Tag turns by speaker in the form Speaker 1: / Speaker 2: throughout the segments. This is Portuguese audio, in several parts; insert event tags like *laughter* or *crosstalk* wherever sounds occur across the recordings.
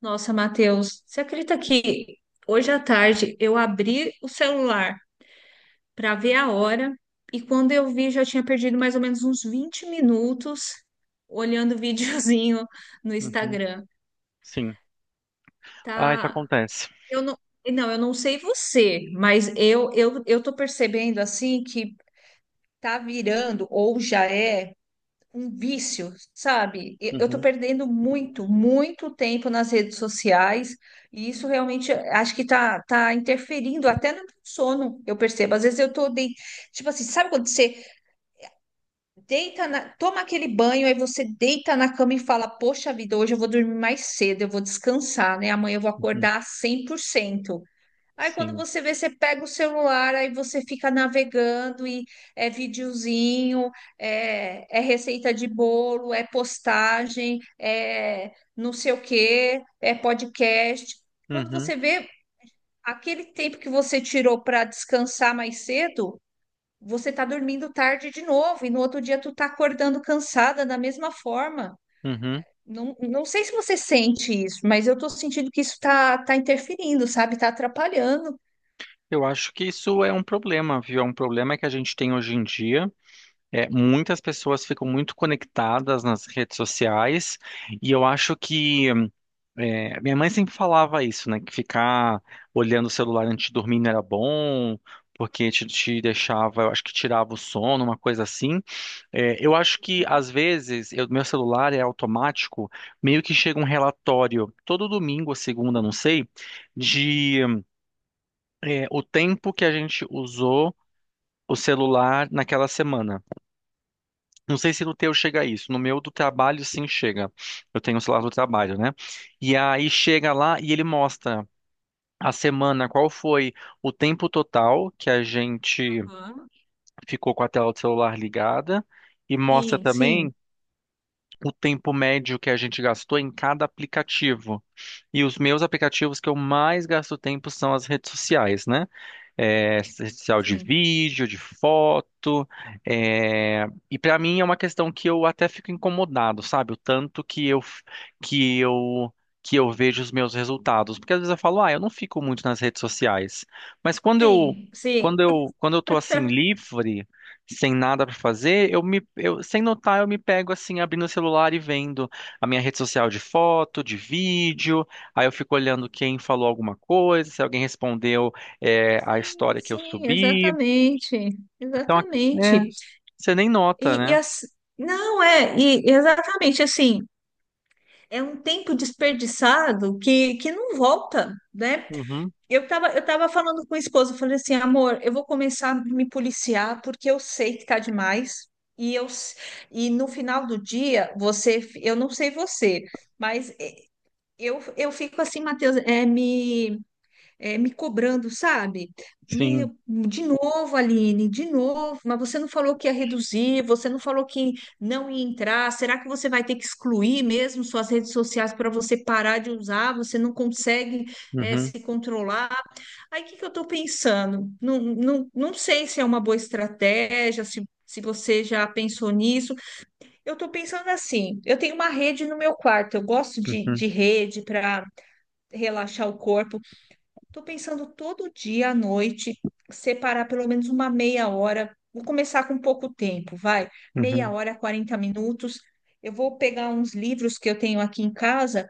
Speaker 1: Nossa, Matheus, você acredita que hoje à tarde eu abri o celular para ver a hora e quando eu vi já tinha perdido mais ou menos uns 20 minutos olhando *laughs* videozinho no
Speaker 2: Uhum.
Speaker 1: Instagram.
Speaker 2: Sim. Ah, isso
Speaker 1: Tá,
Speaker 2: acontece.
Speaker 1: eu não, não, eu não sei você, mas eu tô percebendo assim que tá virando ou já é um vício, sabe? E eu tô
Speaker 2: Uhum.
Speaker 1: perdendo muito, muito tempo nas redes sociais e isso realmente acho que tá interferindo até no meu sono, eu percebo. Às vezes tipo assim, sabe quando você toma aquele banho, aí você deita na cama e fala, poxa vida, hoje eu vou dormir mais cedo, eu vou descansar, né? Amanhã eu vou
Speaker 2: Uhum.
Speaker 1: acordar 100%. Aí quando
Speaker 2: Sim.
Speaker 1: você vê, você pega o celular, aí você fica navegando e é videozinho, é receita de bolo, é postagem, é não sei o quê, é podcast. Quando
Speaker 2: Uhum.
Speaker 1: você vê aquele tempo que você tirou para descansar mais cedo, você tá dormindo tarde de novo e no outro dia tu tá acordando cansada da mesma forma.
Speaker 2: Uhum.
Speaker 1: Não, não sei se você sente isso, mas eu tô sentindo que isso tá interferindo, sabe? Tá atrapalhando.
Speaker 2: Eu acho que isso é um problema, viu? É um problema que a gente tem hoje em dia. É, muitas pessoas ficam muito conectadas nas redes sociais e eu acho que minha mãe sempre falava isso, né? Que ficar olhando o celular antes de dormir não era bom, porque te deixava, eu acho que tirava o sono, uma coisa assim. É, eu acho que às vezes meu celular é automático, meio que chega um relatório todo domingo ou segunda, não sei, de é, o tempo que a gente usou o celular naquela semana. Não sei se no teu chega isso, no meu do trabalho sim chega. Eu tenho o celular do trabalho, né? E aí chega lá e ele mostra a semana qual foi o tempo total que a gente ficou com a tela do celular ligada. E mostra
Speaker 1: Sim, sim,
Speaker 2: também o tempo médio que a gente gastou em cada aplicativo. E os meus aplicativos que eu mais gasto tempo são as redes sociais, né? É, social de
Speaker 1: Sim.
Speaker 2: vídeo, de foto. É, e para mim é uma questão que eu até fico incomodado, sabe? O tanto que que eu que eu vejo os meus resultados, porque às vezes eu falo, ah, eu não fico muito nas redes sociais, mas
Speaker 1: sim, sim.
Speaker 2: quando eu tô assim livre, sem nada para fazer, sem notar eu me pego assim abrindo o celular e vendo a minha rede social de foto, de vídeo, aí eu fico olhando quem falou alguma coisa, se alguém respondeu é, a
Speaker 1: Sim,
Speaker 2: história que eu
Speaker 1: sim,
Speaker 2: subi.
Speaker 1: exatamente,
Speaker 2: Então, é,
Speaker 1: exatamente.
Speaker 2: você nem nota,
Speaker 1: E
Speaker 2: né?
Speaker 1: não é, e exatamente assim, é um tempo desperdiçado que não volta, né?
Speaker 2: Uhum,
Speaker 1: Eu tava falando com a esposa eu falei assim, amor, eu vou começar a me policiar porque eu sei que tá demais. E eu s- e no final do dia, você, eu não sei você, mas eh, eu, eu fico assim, Matheus, me cobrando, sabe?
Speaker 2: sim.
Speaker 1: Meio, de novo, Aline, de novo, mas você não falou que ia reduzir, você não falou que não ia entrar. Será que você vai ter que excluir mesmo suas redes sociais para você parar de usar? Você não consegue,
Speaker 2: Uhum,
Speaker 1: se controlar? Aí o que que eu estou pensando? Não, não, não sei se é uma boa estratégia, se você já pensou nisso. Eu estou pensando assim: eu tenho uma rede no meu quarto, eu gosto de,
Speaker 2: uhum,
Speaker 1: de rede para relaxar o corpo. Estou pensando todo dia à noite separar pelo menos uma meia hora. Vou começar com pouco tempo, vai. Meia
Speaker 2: uhum,
Speaker 1: hora, 40 minutos. Eu vou pegar uns livros que eu tenho aqui em casa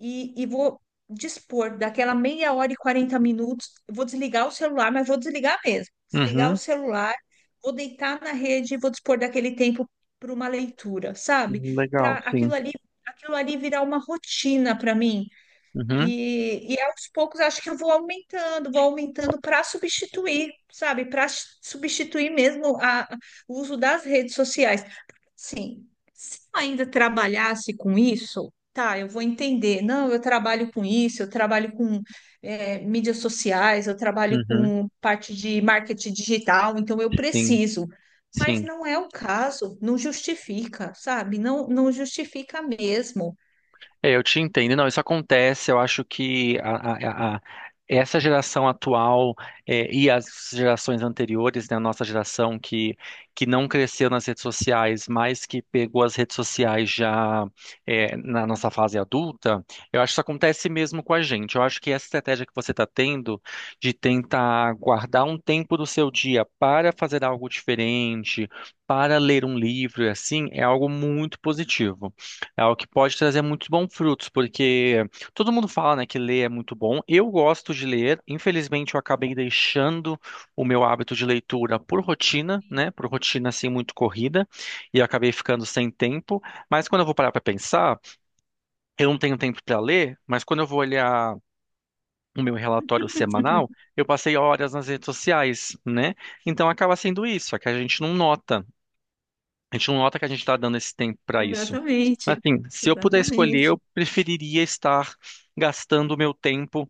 Speaker 1: e vou dispor daquela meia hora e 40 minutos. Eu vou desligar o celular, mas vou desligar mesmo. Desligar o
Speaker 2: uhum.
Speaker 1: celular, vou deitar na rede e vou dispor daquele tempo para uma leitura, sabe?
Speaker 2: Uhum, legal,
Speaker 1: Para
Speaker 2: sim.
Speaker 1: aquilo ali virar uma rotina para mim.
Speaker 2: Uhum,
Speaker 1: E aos poucos acho que eu vou aumentando para substituir, sabe? Para substituir mesmo o uso das redes sociais. Sim, se eu ainda trabalhasse com isso, tá, eu vou entender. Não, eu trabalho com isso, eu trabalho com mídias sociais, eu trabalho
Speaker 2: uhum,
Speaker 1: com parte de marketing digital, então eu
Speaker 2: sim,
Speaker 1: preciso. Mas
Speaker 2: sim.
Speaker 1: não é o caso, não justifica, sabe? Não, não justifica mesmo.
Speaker 2: É, eu te entendo. Não, isso acontece. Eu acho que a- essa geração atual é, e as gerações anteriores, né, a nossa geração que não cresceu nas redes sociais, mas que pegou as redes sociais já é, na nossa fase adulta, eu acho que isso acontece mesmo com a gente. Eu acho que essa estratégia que você está tendo de tentar guardar um tempo do seu dia para fazer algo diferente, para ler um livro e assim, é algo muito positivo. É algo que pode trazer muitos bons frutos, porque todo mundo fala, né, que ler é muito bom. Eu gosto de ler, infelizmente eu acabei deixando o meu hábito de leitura por rotina, né, por rotina assim muito corrida, e eu acabei ficando sem tempo. Mas quando eu vou parar para pensar, eu não tenho tempo para ler, mas quando eu vou olhar o meu relatório semanal, eu passei horas nas redes sociais, né? Então acaba sendo isso, é que a gente não nota. A gente não nota que a gente está dando esse tempo para isso. Mas,
Speaker 1: Exatamente,
Speaker 2: assim, se eu puder escolher,
Speaker 1: exatamente,
Speaker 2: eu preferiria estar gastando o meu tempo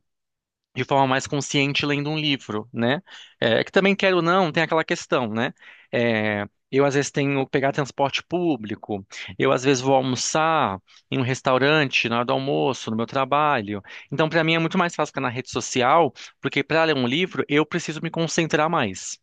Speaker 2: de forma mais consciente lendo um livro, né? É, é que também quero ou não, tem aquela questão, né? É, eu às vezes tenho que pegar transporte público, eu às vezes vou almoçar em um restaurante na hora do almoço, no meu trabalho. Então, para mim é muito mais fácil ficar na rede social, porque para ler um livro eu preciso me concentrar mais.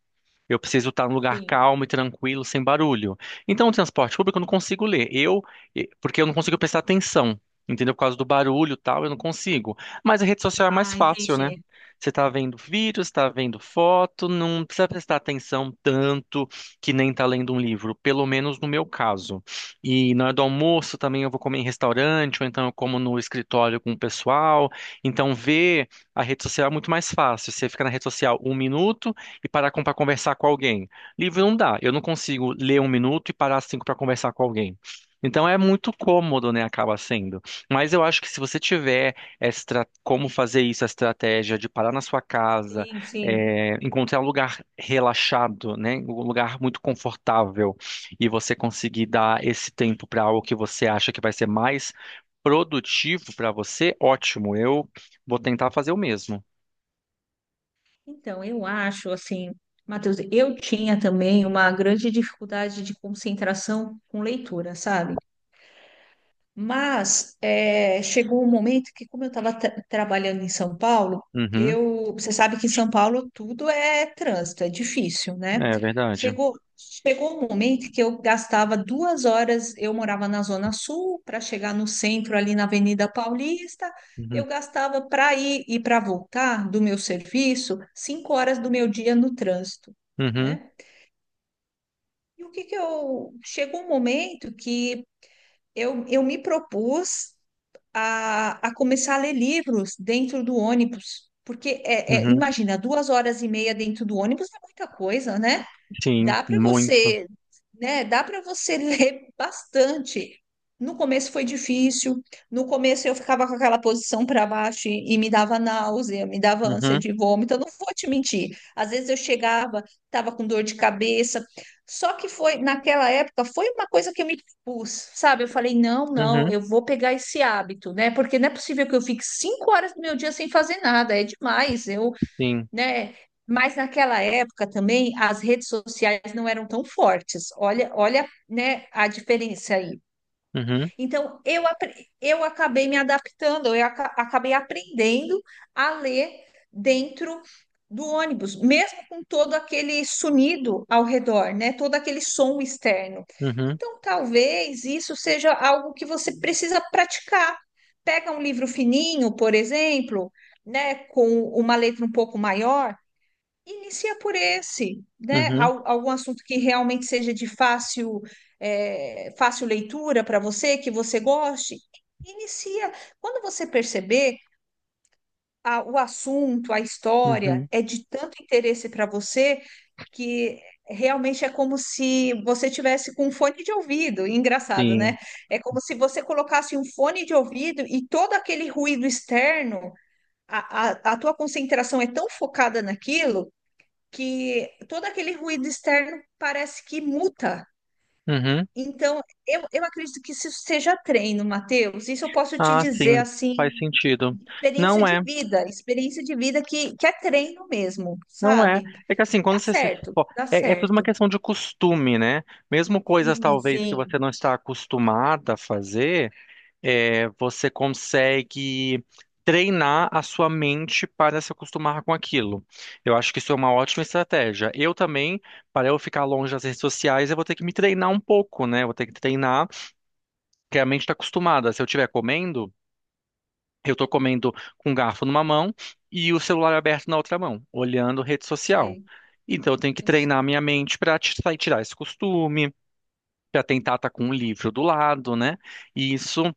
Speaker 2: Eu preciso estar num lugar
Speaker 1: sim.
Speaker 2: calmo e tranquilo, sem barulho. Então, o transporte público eu não consigo ler. Porque eu não consigo prestar atenção, entendeu? Por causa do barulho e tal, eu não consigo. Mas a rede social é mais
Speaker 1: Ah,
Speaker 2: fácil, né?
Speaker 1: entendi.
Speaker 2: Você está vendo vídeo, está vendo foto, não precisa prestar atenção tanto que nem está lendo um livro, pelo menos no meu caso. E na hora do almoço também eu vou comer em restaurante, ou então eu como no escritório com o pessoal. Então, ver a rede social é muito mais fácil. Você fica na rede social um minuto e parar pra conversar com alguém. Livro não dá. Eu não consigo ler um minuto e parar cinco para conversar com alguém. Então é muito cômodo, né? Acaba sendo. Mas eu acho que se você tiver como fazer isso, a estratégia de parar na sua casa,
Speaker 1: Sim, sim.
Speaker 2: é, encontrar um lugar relaxado, né? Um lugar muito confortável e você conseguir dar esse tempo para algo que você acha que vai ser mais produtivo para você, ótimo. Eu vou tentar fazer o mesmo.
Speaker 1: Então, eu acho assim, Matheus, eu tinha também uma grande dificuldade de concentração com leitura, sabe? Mas é, chegou um momento que, como eu estava trabalhando em São Paulo,
Speaker 2: Uhum,
Speaker 1: você sabe que em São Paulo tudo é trânsito, é difícil, né?
Speaker 2: é verdade.
Speaker 1: Chegou um momento que eu gastava 2 horas, eu morava na Zona Sul, para chegar no centro, ali na Avenida Paulista,
Speaker 2: Uhum,
Speaker 1: eu gastava para ir e para voltar do meu serviço 5 horas do meu dia no trânsito,
Speaker 2: uhum.
Speaker 1: né? E o que que eu... Chegou um momento que eu me propus a começar a ler livros dentro do ônibus. Porque,
Speaker 2: Uhum,
Speaker 1: imagina, 2 horas e meia dentro do ônibus é muita coisa, né?
Speaker 2: sim,
Speaker 1: Dá para
Speaker 2: muito.
Speaker 1: você, né? Dá para você *laughs* ler bastante. No começo foi difícil. No começo eu ficava com aquela posição para baixo e me dava náusea, me dava ânsia
Speaker 2: Uhum,
Speaker 1: de vômito. Eu não vou te mentir. Às vezes eu chegava, estava com dor de cabeça. Só que foi naquela época foi uma coisa que eu me pus, sabe? Eu falei não, não,
Speaker 2: uhum,
Speaker 1: eu vou pegar esse hábito, né? Porque não é possível que eu fique 5 horas do meu dia sem fazer nada. É demais. Eu,
Speaker 2: sim.
Speaker 1: né? Mas naquela época também as redes sociais não eram tão fortes. Olha, olha, né, a diferença aí.
Speaker 2: Uhum,
Speaker 1: Então eu acabei me adaptando, acabei aprendendo a ler dentro do ônibus, mesmo com todo aquele sonido ao redor, né, todo aquele som externo.
Speaker 2: uhum,
Speaker 1: Então talvez isso seja algo que você precisa praticar. Pega um livro fininho, por exemplo, né, com uma letra um pouco maior. Inicia por esse, né?
Speaker 2: uhum,
Speaker 1: Algum assunto que realmente seja fácil leitura para você, que você goste. Inicia. Quando você perceber o assunto, a história
Speaker 2: uhum,
Speaker 1: é de tanto interesse para você que realmente é como se você tivesse com um fone de ouvido. Engraçado,
Speaker 2: sim.
Speaker 1: né? É como se você colocasse um fone de ouvido e todo aquele ruído externo, a tua concentração é tão focada naquilo que todo aquele ruído externo parece que muta.
Speaker 2: Uhum.
Speaker 1: Então, eu acredito que isso seja treino, Matheus. Isso eu posso te
Speaker 2: Ah, sim,
Speaker 1: dizer assim,
Speaker 2: faz sentido. Não é,
Speaker 1: experiência de vida que é treino mesmo,
Speaker 2: não é.
Speaker 1: sabe?
Speaker 2: É que assim, quando
Speaker 1: Dá
Speaker 2: você se
Speaker 1: certo,
Speaker 2: esfo-
Speaker 1: dá
Speaker 2: é, é tudo uma
Speaker 1: certo.
Speaker 2: questão de costume, né? Mesmo coisas
Speaker 1: Sim,
Speaker 2: talvez que você
Speaker 1: sim,
Speaker 2: não está acostumada a fazer. É, você consegue treinar a sua mente para se acostumar com aquilo. Eu acho que isso é uma ótima estratégia. Eu também, para eu ficar longe das redes sociais, eu vou ter que me treinar um pouco, né? Eu vou ter que treinar, porque a mente está acostumada. Se eu estiver comendo, eu estou comendo com o garfo numa mão e o celular aberto na outra mão, olhando rede
Speaker 1: eu
Speaker 2: social.
Speaker 1: sei,
Speaker 2: Então, eu tenho que
Speaker 1: eu sei.
Speaker 2: treinar a minha mente para tirar esse costume, para tentar estar com um livro do lado, né? E isso.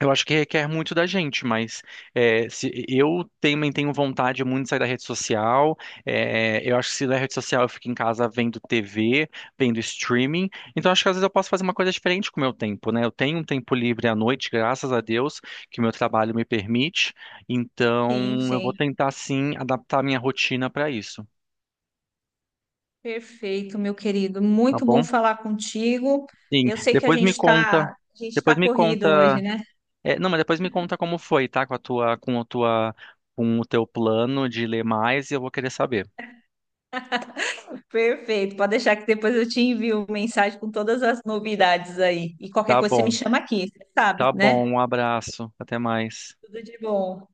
Speaker 2: Eu acho que requer muito da gente, mas é, se, eu também tenho vontade muito de sair da rede social. É, eu acho que se da rede social eu fico em casa vendo TV, vendo streaming. Então acho que às vezes eu posso fazer uma coisa diferente com o meu tempo, né? Eu tenho um tempo livre à noite, graças a Deus, que o meu trabalho me permite.
Speaker 1: Sim,
Speaker 2: Então eu vou
Speaker 1: sim.
Speaker 2: tentar sim adaptar a minha rotina para isso,
Speaker 1: Perfeito, meu querido.
Speaker 2: tá
Speaker 1: Muito bom
Speaker 2: bom?
Speaker 1: falar contigo.
Speaker 2: Sim.
Speaker 1: Eu sei que
Speaker 2: Depois me conta.
Speaker 1: a gente
Speaker 2: Depois
Speaker 1: tá
Speaker 2: me
Speaker 1: corrido
Speaker 2: conta
Speaker 1: hoje, né?
Speaker 2: É, não, mas depois me conta como foi, tá? Com o teu plano de ler mais e eu vou querer saber.
Speaker 1: Perfeito, pode deixar que depois eu te envio mensagem com todas as novidades aí. E qualquer
Speaker 2: Tá
Speaker 1: coisa você me
Speaker 2: bom,
Speaker 1: chama aqui, você sabe,
Speaker 2: tá
Speaker 1: né?
Speaker 2: bom, um abraço, até mais.
Speaker 1: Tudo de bom.